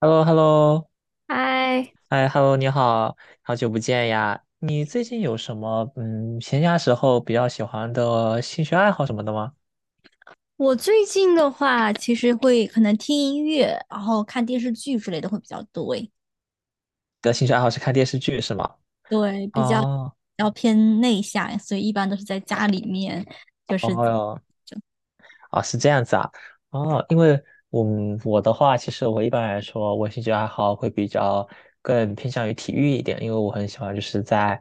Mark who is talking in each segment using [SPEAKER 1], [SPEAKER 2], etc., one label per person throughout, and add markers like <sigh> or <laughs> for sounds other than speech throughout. [SPEAKER 1] h e l l o h e l l o
[SPEAKER 2] 嗨，
[SPEAKER 1] 哎，Hello，你好，好久不见呀！你最近有什么闲暇时候比较喜欢的兴趣爱好什么的吗？
[SPEAKER 2] 我最近的话，其实可能听音乐，然后看电视剧之类的会比较多诶。
[SPEAKER 1] 你的兴趣爱好是看电视剧是吗？
[SPEAKER 2] 对，比较
[SPEAKER 1] 哦，
[SPEAKER 2] 要偏内向，所以一般都是在家里面。就
[SPEAKER 1] 哦
[SPEAKER 2] 是
[SPEAKER 1] 哟，啊，是这样子啊，哦，因为我们我的话，其实我一般来说，我兴趣爱好会比较更偏向于体育一点，因为我很喜欢就是在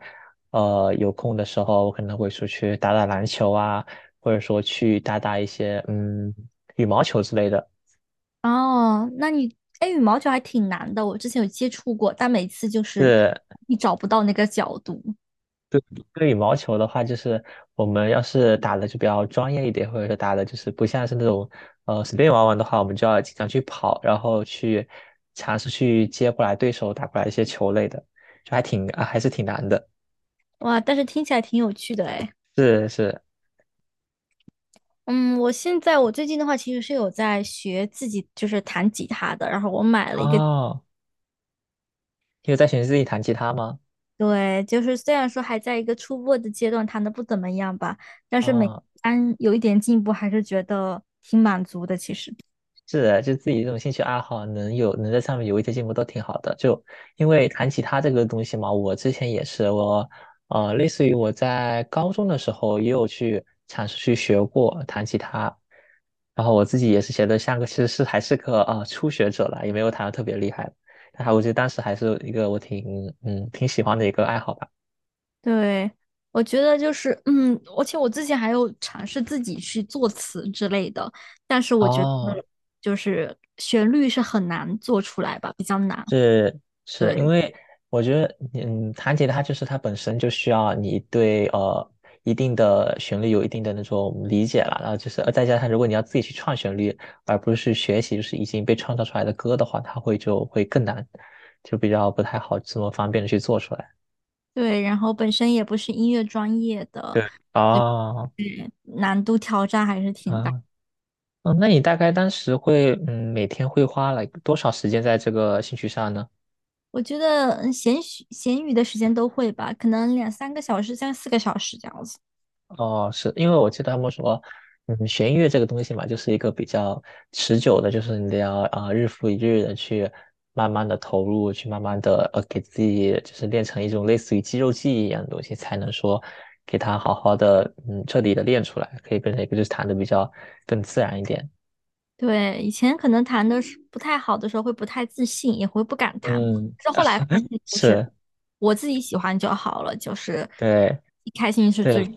[SPEAKER 1] 有空的时候，我可能会出去打打篮球啊，或者说去打打一些羽毛球之类的。
[SPEAKER 2] 哦，那你哎，羽毛球还挺难的，我之前有接触过，但每次就是
[SPEAKER 1] 是。
[SPEAKER 2] 你找不到那个角度。
[SPEAKER 1] 对，对羽毛球的话，就是我们要是打的就比较专业一点，或者说打的就是不像是那种随便玩玩的话，我们就要经常去跑，然后去尝试去接过来对手打过来一些球类的，就还还是挺难的。
[SPEAKER 2] 哇，但是听起来挺有趣的哎。
[SPEAKER 1] 是是，
[SPEAKER 2] 嗯，我现在我最近的话，其实是有在学自己就是弹吉他的，然后我买了一个
[SPEAKER 1] 哦，你有在学自己弹吉他吗？
[SPEAKER 2] 对，就是虽然说还在一个初步的阶段，弹的不怎么样吧，但是每
[SPEAKER 1] 啊、
[SPEAKER 2] 单有一点进步，还是觉得挺满足的。其实，
[SPEAKER 1] 是的，就自己这种兴趣爱好能有能在上面有一些进步都挺好的。就因为弹吉他这个东西嘛，我之前也是我，呃，类似于我在高中的时候也有去尝试去学过弹吉他，然后我自己也是学的像个其实是还是个初学者了，也没有弹的特别厉害，但还我觉得当时还是一个我挺喜欢的一个爱好吧。
[SPEAKER 2] 对，我觉得就是，而且我之前还有尝试自己去作词之类的，但是我觉得
[SPEAKER 1] 哦，
[SPEAKER 2] 就是旋律是很难做出来吧，比较难。
[SPEAKER 1] 是是因
[SPEAKER 2] 对
[SPEAKER 1] 为我觉得，弹吉他就是它本身就需要你对一定的旋律有一定的那种理解了，然后就是再加上如果你要自己去创旋律，而不是去学习就是已经被创造出来的歌的话，就会更难，就比较不太好这么方便的去做出来。
[SPEAKER 2] 对，然后本身也不是音乐专业的，
[SPEAKER 1] 对，哦，
[SPEAKER 2] 难度挑战还是挺大。
[SPEAKER 1] 啊，嗯，那你大概当时会每天会花了多少时间在这个兴趣上呢？
[SPEAKER 2] 我觉得闲许闲余的时间都会吧，可能两三个小时，三四个小时这样子。
[SPEAKER 1] 哦，是因为我记得他们说，嗯，学音乐这个东西嘛，就是一个比较持久的，就是你得要日复一日的去慢慢的投入，去慢慢的给自己就是练成一种类似于肌肉记忆一样的东西，才能说给它好好的彻底的练出来，可以变成一个就是弹的比较更自然一点。
[SPEAKER 2] 对，以前可能谈的是不太好的时候，会不太自信，也会不敢弹。
[SPEAKER 1] 嗯，
[SPEAKER 2] 但是后来发
[SPEAKER 1] <laughs>
[SPEAKER 2] 现，就是
[SPEAKER 1] 是，
[SPEAKER 2] 我自己喜欢就好了，就是
[SPEAKER 1] 对
[SPEAKER 2] 开心是
[SPEAKER 1] 对，
[SPEAKER 2] 最。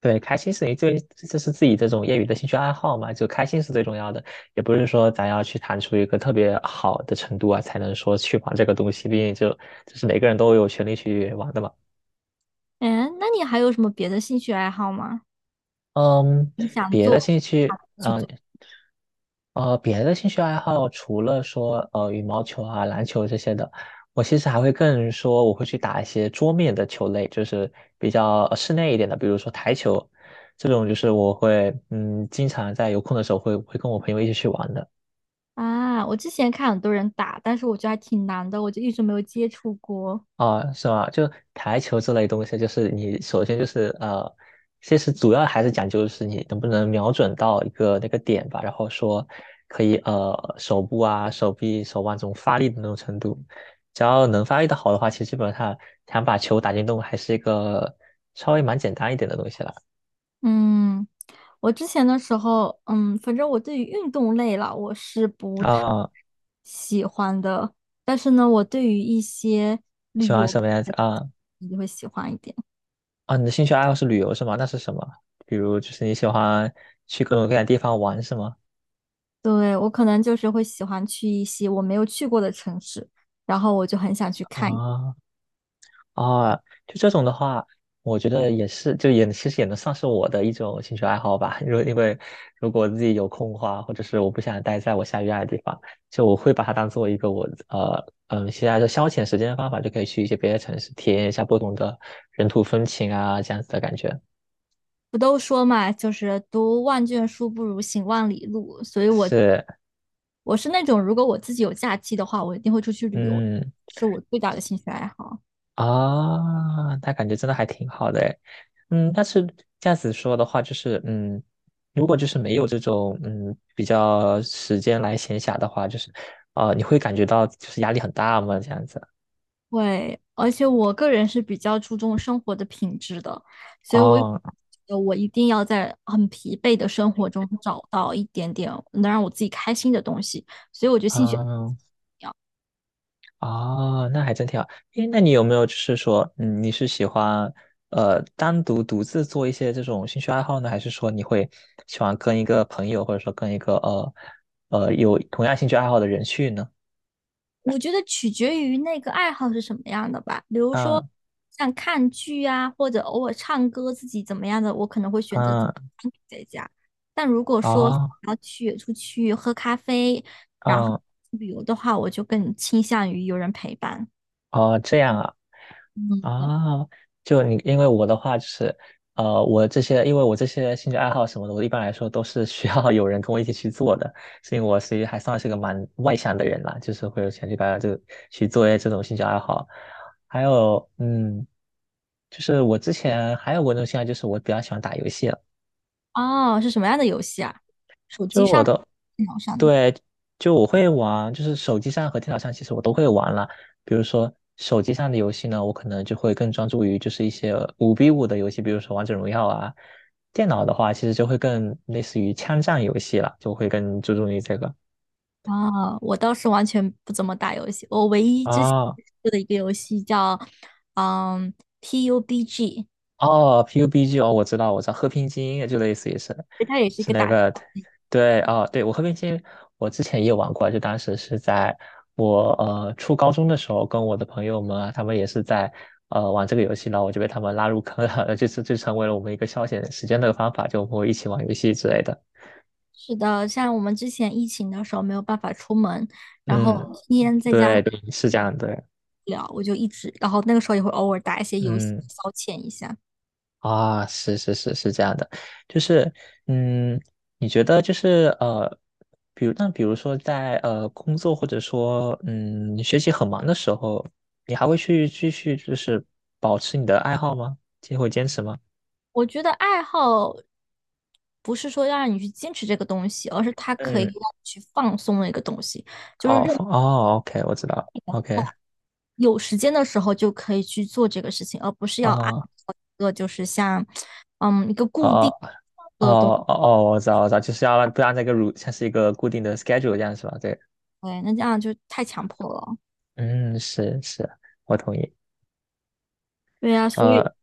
[SPEAKER 1] 对，开心是你最，就是自己这种业余的兴趣爱好嘛，就开心是最重要的，也不是说咱要去谈出一个特别好的程度啊，才能说去玩这个东西，毕竟就是每个人都有权利去玩的嘛。
[SPEAKER 2] 嗯，那你还有什么别的兴趣爱好吗？
[SPEAKER 1] 嗯，别的
[SPEAKER 2] 做
[SPEAKER 1] 兴趣，
[SPEAKER 2] 去
[SPEAKER 1] 嗯，
[SPEAKER 2] 做
[SPEAKER 1] 呃，别的兴趣爱好除了说羽毛球啊、篮球这些的，我其实还会更说我会去打一些桌面的球类，就是比较室内一点的，比如说台球这种，就是我会经常在有空的时候会跟我朋友一起去玩的。
[SPEAKER 2] 啊？我之前看很多人打，但是我觉得还挺难的，我就一直没有接触过。
[SPEAKER 1] 啊，是吗？就台球这类东西，就是你首先就是其实主要还是讲究就是你能不能瞄准到一个那个点吧，然后说可以手部啊、手臂、手腕这种发力的那种程度，只要能发力的好的话，其实基本上想把球打进洞还是一个稍微蛮简单一点的东西了。
[SPEAKER 2] 嗯，我之前的时候，反正我对于运动类啦，我是不太
[SPEAKER 1] 啊，
[SPEAKER 2] 喜欢的，但是呢，我对于一些旅
[SPEAKER 1] 喜欢什
[SPEAKER 2] 游
[SPEAKER 1] 么样子啊？
[SPEAKER 2] 就会喜欢一点。
[SPEAKER 1] 啊，你的兴趣爱好是旅游是吗？那是什么？比如就是你喜欢去各种各样的地方玩是吗？
[SPEAKER 2] 对，我可能就是会喜欢去一些我没有去过的城市，然后我就很想去看一
[SPEAKER 1] 啊，啊，就这种的话，我觉得也是，就也其实也能算是我的一种兴趣爱好吧。因为如果自己有空的话，或者是我不想待在我下雨爱的地方，就我会把它当做一个我现在的消遣时间的方法，就可以去一些别的城市体验一下不同的人土风情啊，这样子的感觉。
[SPEAKER 2] 不都说嘛，就是读万卷书不如行万里路，所以我
[SPEAKER 1] 是，
[SPEAKER 2] 我是那种如果我自己有假期的话，我一定会出去旅游，
[SPEAKER 1] 嗯。
[SPEAKER 2] 是我最大的兴趣爱好。
[SPEAKER 1] 啊，那感觉真的还挺好的诶。嗯，但是这样子说的话，就是嗯，如果就是没有这种比较时间来闲暇的话，就是你会感觉到就是压力很大吗？这样子？
[SPEAKER 2] 会，而且我个人是比较注重生活的品质的，所以我有
[SPEAKER 1] 哦，
[SPEAKER 2] 觉得我一定要在很疲惫的生活中找到一点点能让我自己开心的东西。所以我觉得兴趣，
[SPEAKER 1] 嗯，哦，那还真挺好。诶，那你有没有就是说，嗯，你是喜欢单独独自做一些这种兴趣爱好呢，还是说你会喜欢跟一个朋友，或者说跟一个有同样兴趣爱好的人去呢？
[SPEAKER 2] 我觉得取决于那个爱好是什么样的吧。比如说
[SPEAKER 1] 啊。
[SPEAKER 2] 像看剧啊，或者偶尔唱歌，自己怎么样的，我可能会选择自
[SPEAKER 1] 啊
[SPEAKER 2] 己在家。但如果说
[SPEAKER 1] 哦，
[SPEAKER 2] 要去出去喝咖啡，然后
[SPEAKER 1] 哦，
[SPEAKER 2] 旅游的话，我就更倾向于有人陪伴。
[SPEAKER 1] 哦，这样啊，哦，就你，因为我的话就是，呃，我这些，因为我这些兴趣爱好什么的，我一般来说都是需要有人跟我一起去做的，所以我其实还算是个蛮外向的人啦，就是会有钱去把这个去做一些这种兴趣爱好，还有，嗯，就是我之前还有过一种兴趣爱好，就是我比较喜欢打游戏了，
[SPEAKER 2] 哦，是什么样的游戏啊？手机
[SPEAKER 1] 就我
[SPEAKER 2] 上的
[SPEAKER 1] 的。
[SPEAKER 2] 电脑上的？
[SPEAKER 1] 对，就我会玩，就是手机上和电脑上其实我都会玩了。比如说手机上的游戏呢，我可能就会更专注于就是一些五 v 五的游戏，比如说王者荣耀啊。电脑的话，其实就会更类似于枪战游戏了，就会更注重于这个
[SPEAKER 2] 啊、我倒是完全不怎么打游戏，我唯一之前
[SPEAKER 1] 啊。
[SPEAKER 2] 接触的一个游戏叫，嗯，PUBG，
[SPEAKER 1] 哦，PUBG 哦，我知道，我知道，和平精英就类似于是，
[SPEAKER 2] 它也是一
[SPEAKER 1] 是
[SPEAKER 2] 个
[SPEAKER 1] 那
[SPEAKER 2] 打。
[SPEAKER 1] 个，对，哦，对，我和平精英，我之前也玩过，就当时是在我初高中的时候，跟我的朋友们啊，他们也是在玩这个游戏，然后我就被他们拉入坑了，<laughs> 就成为了我们一个消遣时间的方法，就我们会一起玩游戏之类的。
[SPEAKER 2] 是的，像我们之前疫情的时候没有办法出门，然后
[SPEAKER 1] 嗯，
[SPEAKER 2] 天天在家无
[SPEAKER 1] 对,是这样的，
[SPEAKER 2] 聊，我就一直，然后那个时候也会偶尔打一些游戏
[SPEAKER 1] 嗯。
[SPEAKER 2] 消遣一下。
[SPEAKER 1] 啊，是这样的，就是，嗯，你觉得就是比如比如说在工作或者说你学习很忙的时候，你还会去继续就是保持你的爱好吗？就会坚持吗？
[SPEAKER 2] 我觉得爱好不是说要让你去坚持这个东西，而是它可以
[SPEAKER 1] 嗯，
[SPEAKER 2] 让你去放松的一个东西。就是任
[SPEAKER 1] 哦放哦，OK，我知道了，OK，
[SPEAKER 2] 有时间的时候就可以去做这个事情，而不是
[SPEAKER 1] 啊
[SPEAKER 2] 要按
[SPEAKER 1] 哦
[SPEAKER 2] 照一个就是像一个固
[SPEAKER 1] 哦
[SPEAKER 2] 定的东西，
[SPEAKER 1] 哦哦，我知道我知道，就是要让不让那个像是一个固定的 schedule 这样是吧？对，
[SPEAKER 2] 对那这样就太强迫了。
[SPEAKER 1] 嗯，我同意，
[SPEAKER 2] 对呀、所以
[SPEAKER 1] 呃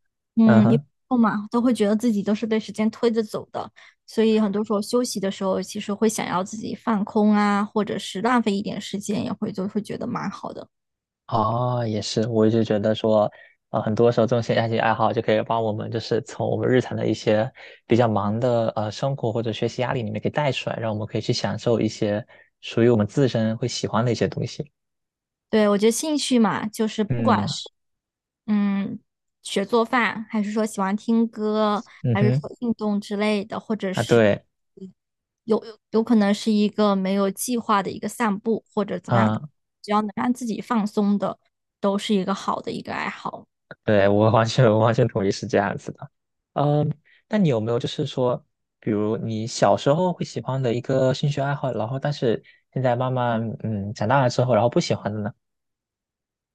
[SPEAKER 1] 嗯
[SPEAKER 2] 一
[SPEAKER 1] 哼。
[SPEAKER 2] 后嘛都会觉得自己都是被时间推着走的，所以很多时候休息的时候，其实会想要自己放空啊，或者是浪费一点时间，也会就会觉得蛮好的。
[SPEAKER 1] 哦，也是，我一直觉得说，很多时候这种兴趣爱好就可以帮我们，就是从我们日常的一些比较忙的生活或者学习压力里面给带出来，让我们可以去享受一些属于我们自身会喜欢的一些东西。
[SPEAKER 2] 对，我觉得兴趣嘛，就是不管
[SPEAKER 1] 嗯
[SPEAKER 2] 是。嗯，学做饭，还是说喜欢听歌，
[SPEAKER 1] 嗯
[SPEAKER 2] 还是说
[SPEAKER 1] 哼，
[SPEAKER 2] 运动之类的，或者
[SPEAKER 1] 啊
[SPEAKER 2] 是
[SPEAKER 1] 对，
[SPEAKER 2] 有可能是一个没有计划的一个散步，或者怎么样，
[SPEAKER 1] 啊
[SPEAKER 2] 只要能让自己放松的，都是一个好的一个爱好。
[SPEAKER 1] 我完全同意是这样子的。嗯，那你有没有就是说，比如你小时候会喜欢的一个兴趣爱好，然后但是现在慢慢长大了之后，然后不喜欢的呢？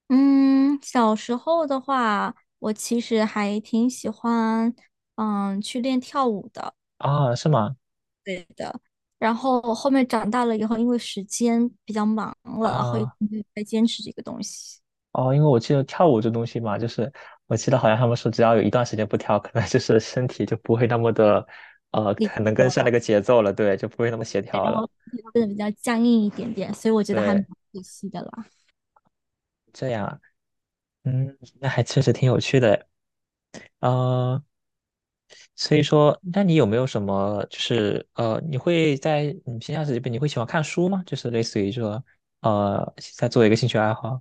[SPEAKER 2] 嗯，小时候的话，我其实还挺喜欢，去练跳舞的，
[SPEAKER 1] 啊，是吗？
[SPEAKER 2] 对的。然后后面长大了以后，因为时间比较忙了，然后一直
[SPEAKER 1] 啊。
[SPEAKER 2] 没有再坚持这个东西。
[SPEAKER 1] 哦，因为我记得跳舞这东西嘛，就是我记得好像他们说，只要有一段时间不跳，可能就是身体就不会那么的，
[SPEAKER 2] 那
[SPEAKER 1] 很能
[SPEAKER 2] 个。
[SPEAKER 1] 跟上那个节奏了，对，就不会那么协
[SPEAKER 2] 对
[SPEAKER 1] 调
[SPEAKER 2] 然
[SPEAKER 1] 了，
[SPEAKER 2] 后身体会变得比较僵硬一点点，所以我觉得还蛮
[SPEAKER 1] 对，
[SPEAKER 2] 可惜的啦。
[SPEAKER 1] 这样，嗯，那还确实挺有趣的，呃，所以说，那你有没有什么，就是你会在你平常时间，你会喜欢看书吗？就是类似于说，在做一个兴趣爱好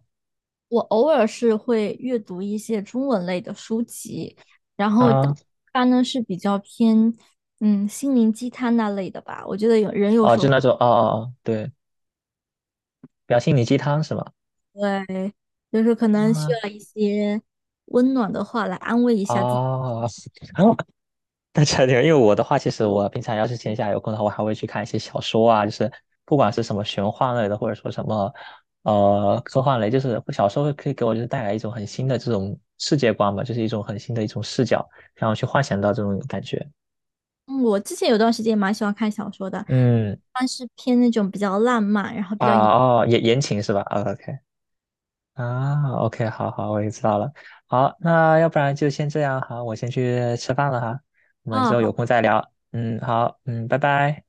[SPEAKER 2] 我偶尔是会阅读一些中文类的书籍，然后但
[SPEAKER 1] 啊，
[SPEAKER 2] 它呢是比较偏心灵鸡汤那类的吧。我觉得有人有
[SPEAKER 1] 哦，
[SPEAKER 2] 时
[SPEAKER 1] 就
[SPEAKER 2] 候
[SPEAKER 1] 那种，哦，对，比较心灵鸡汤是吗？
[SPEAKER 2] 会就是可能需
[SPEAKER 1] 啊，
[SPEAKER 2] 要一些温暖的话来安慰一下自己。
[SPEAKER 1] 哦。<laughs> 那差点，<laughs> 因为我的话，其实我平常要是闲暇有空的话，我还会去看一些小说啊，就是不管是什么玄幻类的，或者说什么科幻类，小说可以给我就是带来一种很新的这种世界观嘛，就是一种很新的一种视角，让我去幻想到这种感觉。
[SPEAKER 2] 嗯，我之前有段时间也蛮喜欢看小说的，
[SPEAKER 1] 嗯
[SPEAKER 2] 但是偏那种比较浪漫，然后比较阳
[SPEAKER 1] 啊哦，言情是吧？啊，OK 啊，OK，好好，我也知道了。好，那要不然就先这样，好，我先去吃饭了哈，我们之后有
[SPEAKER 2] 啊
[SPEAKER 1] 空再聊。嗯，好，嗯，拜拜。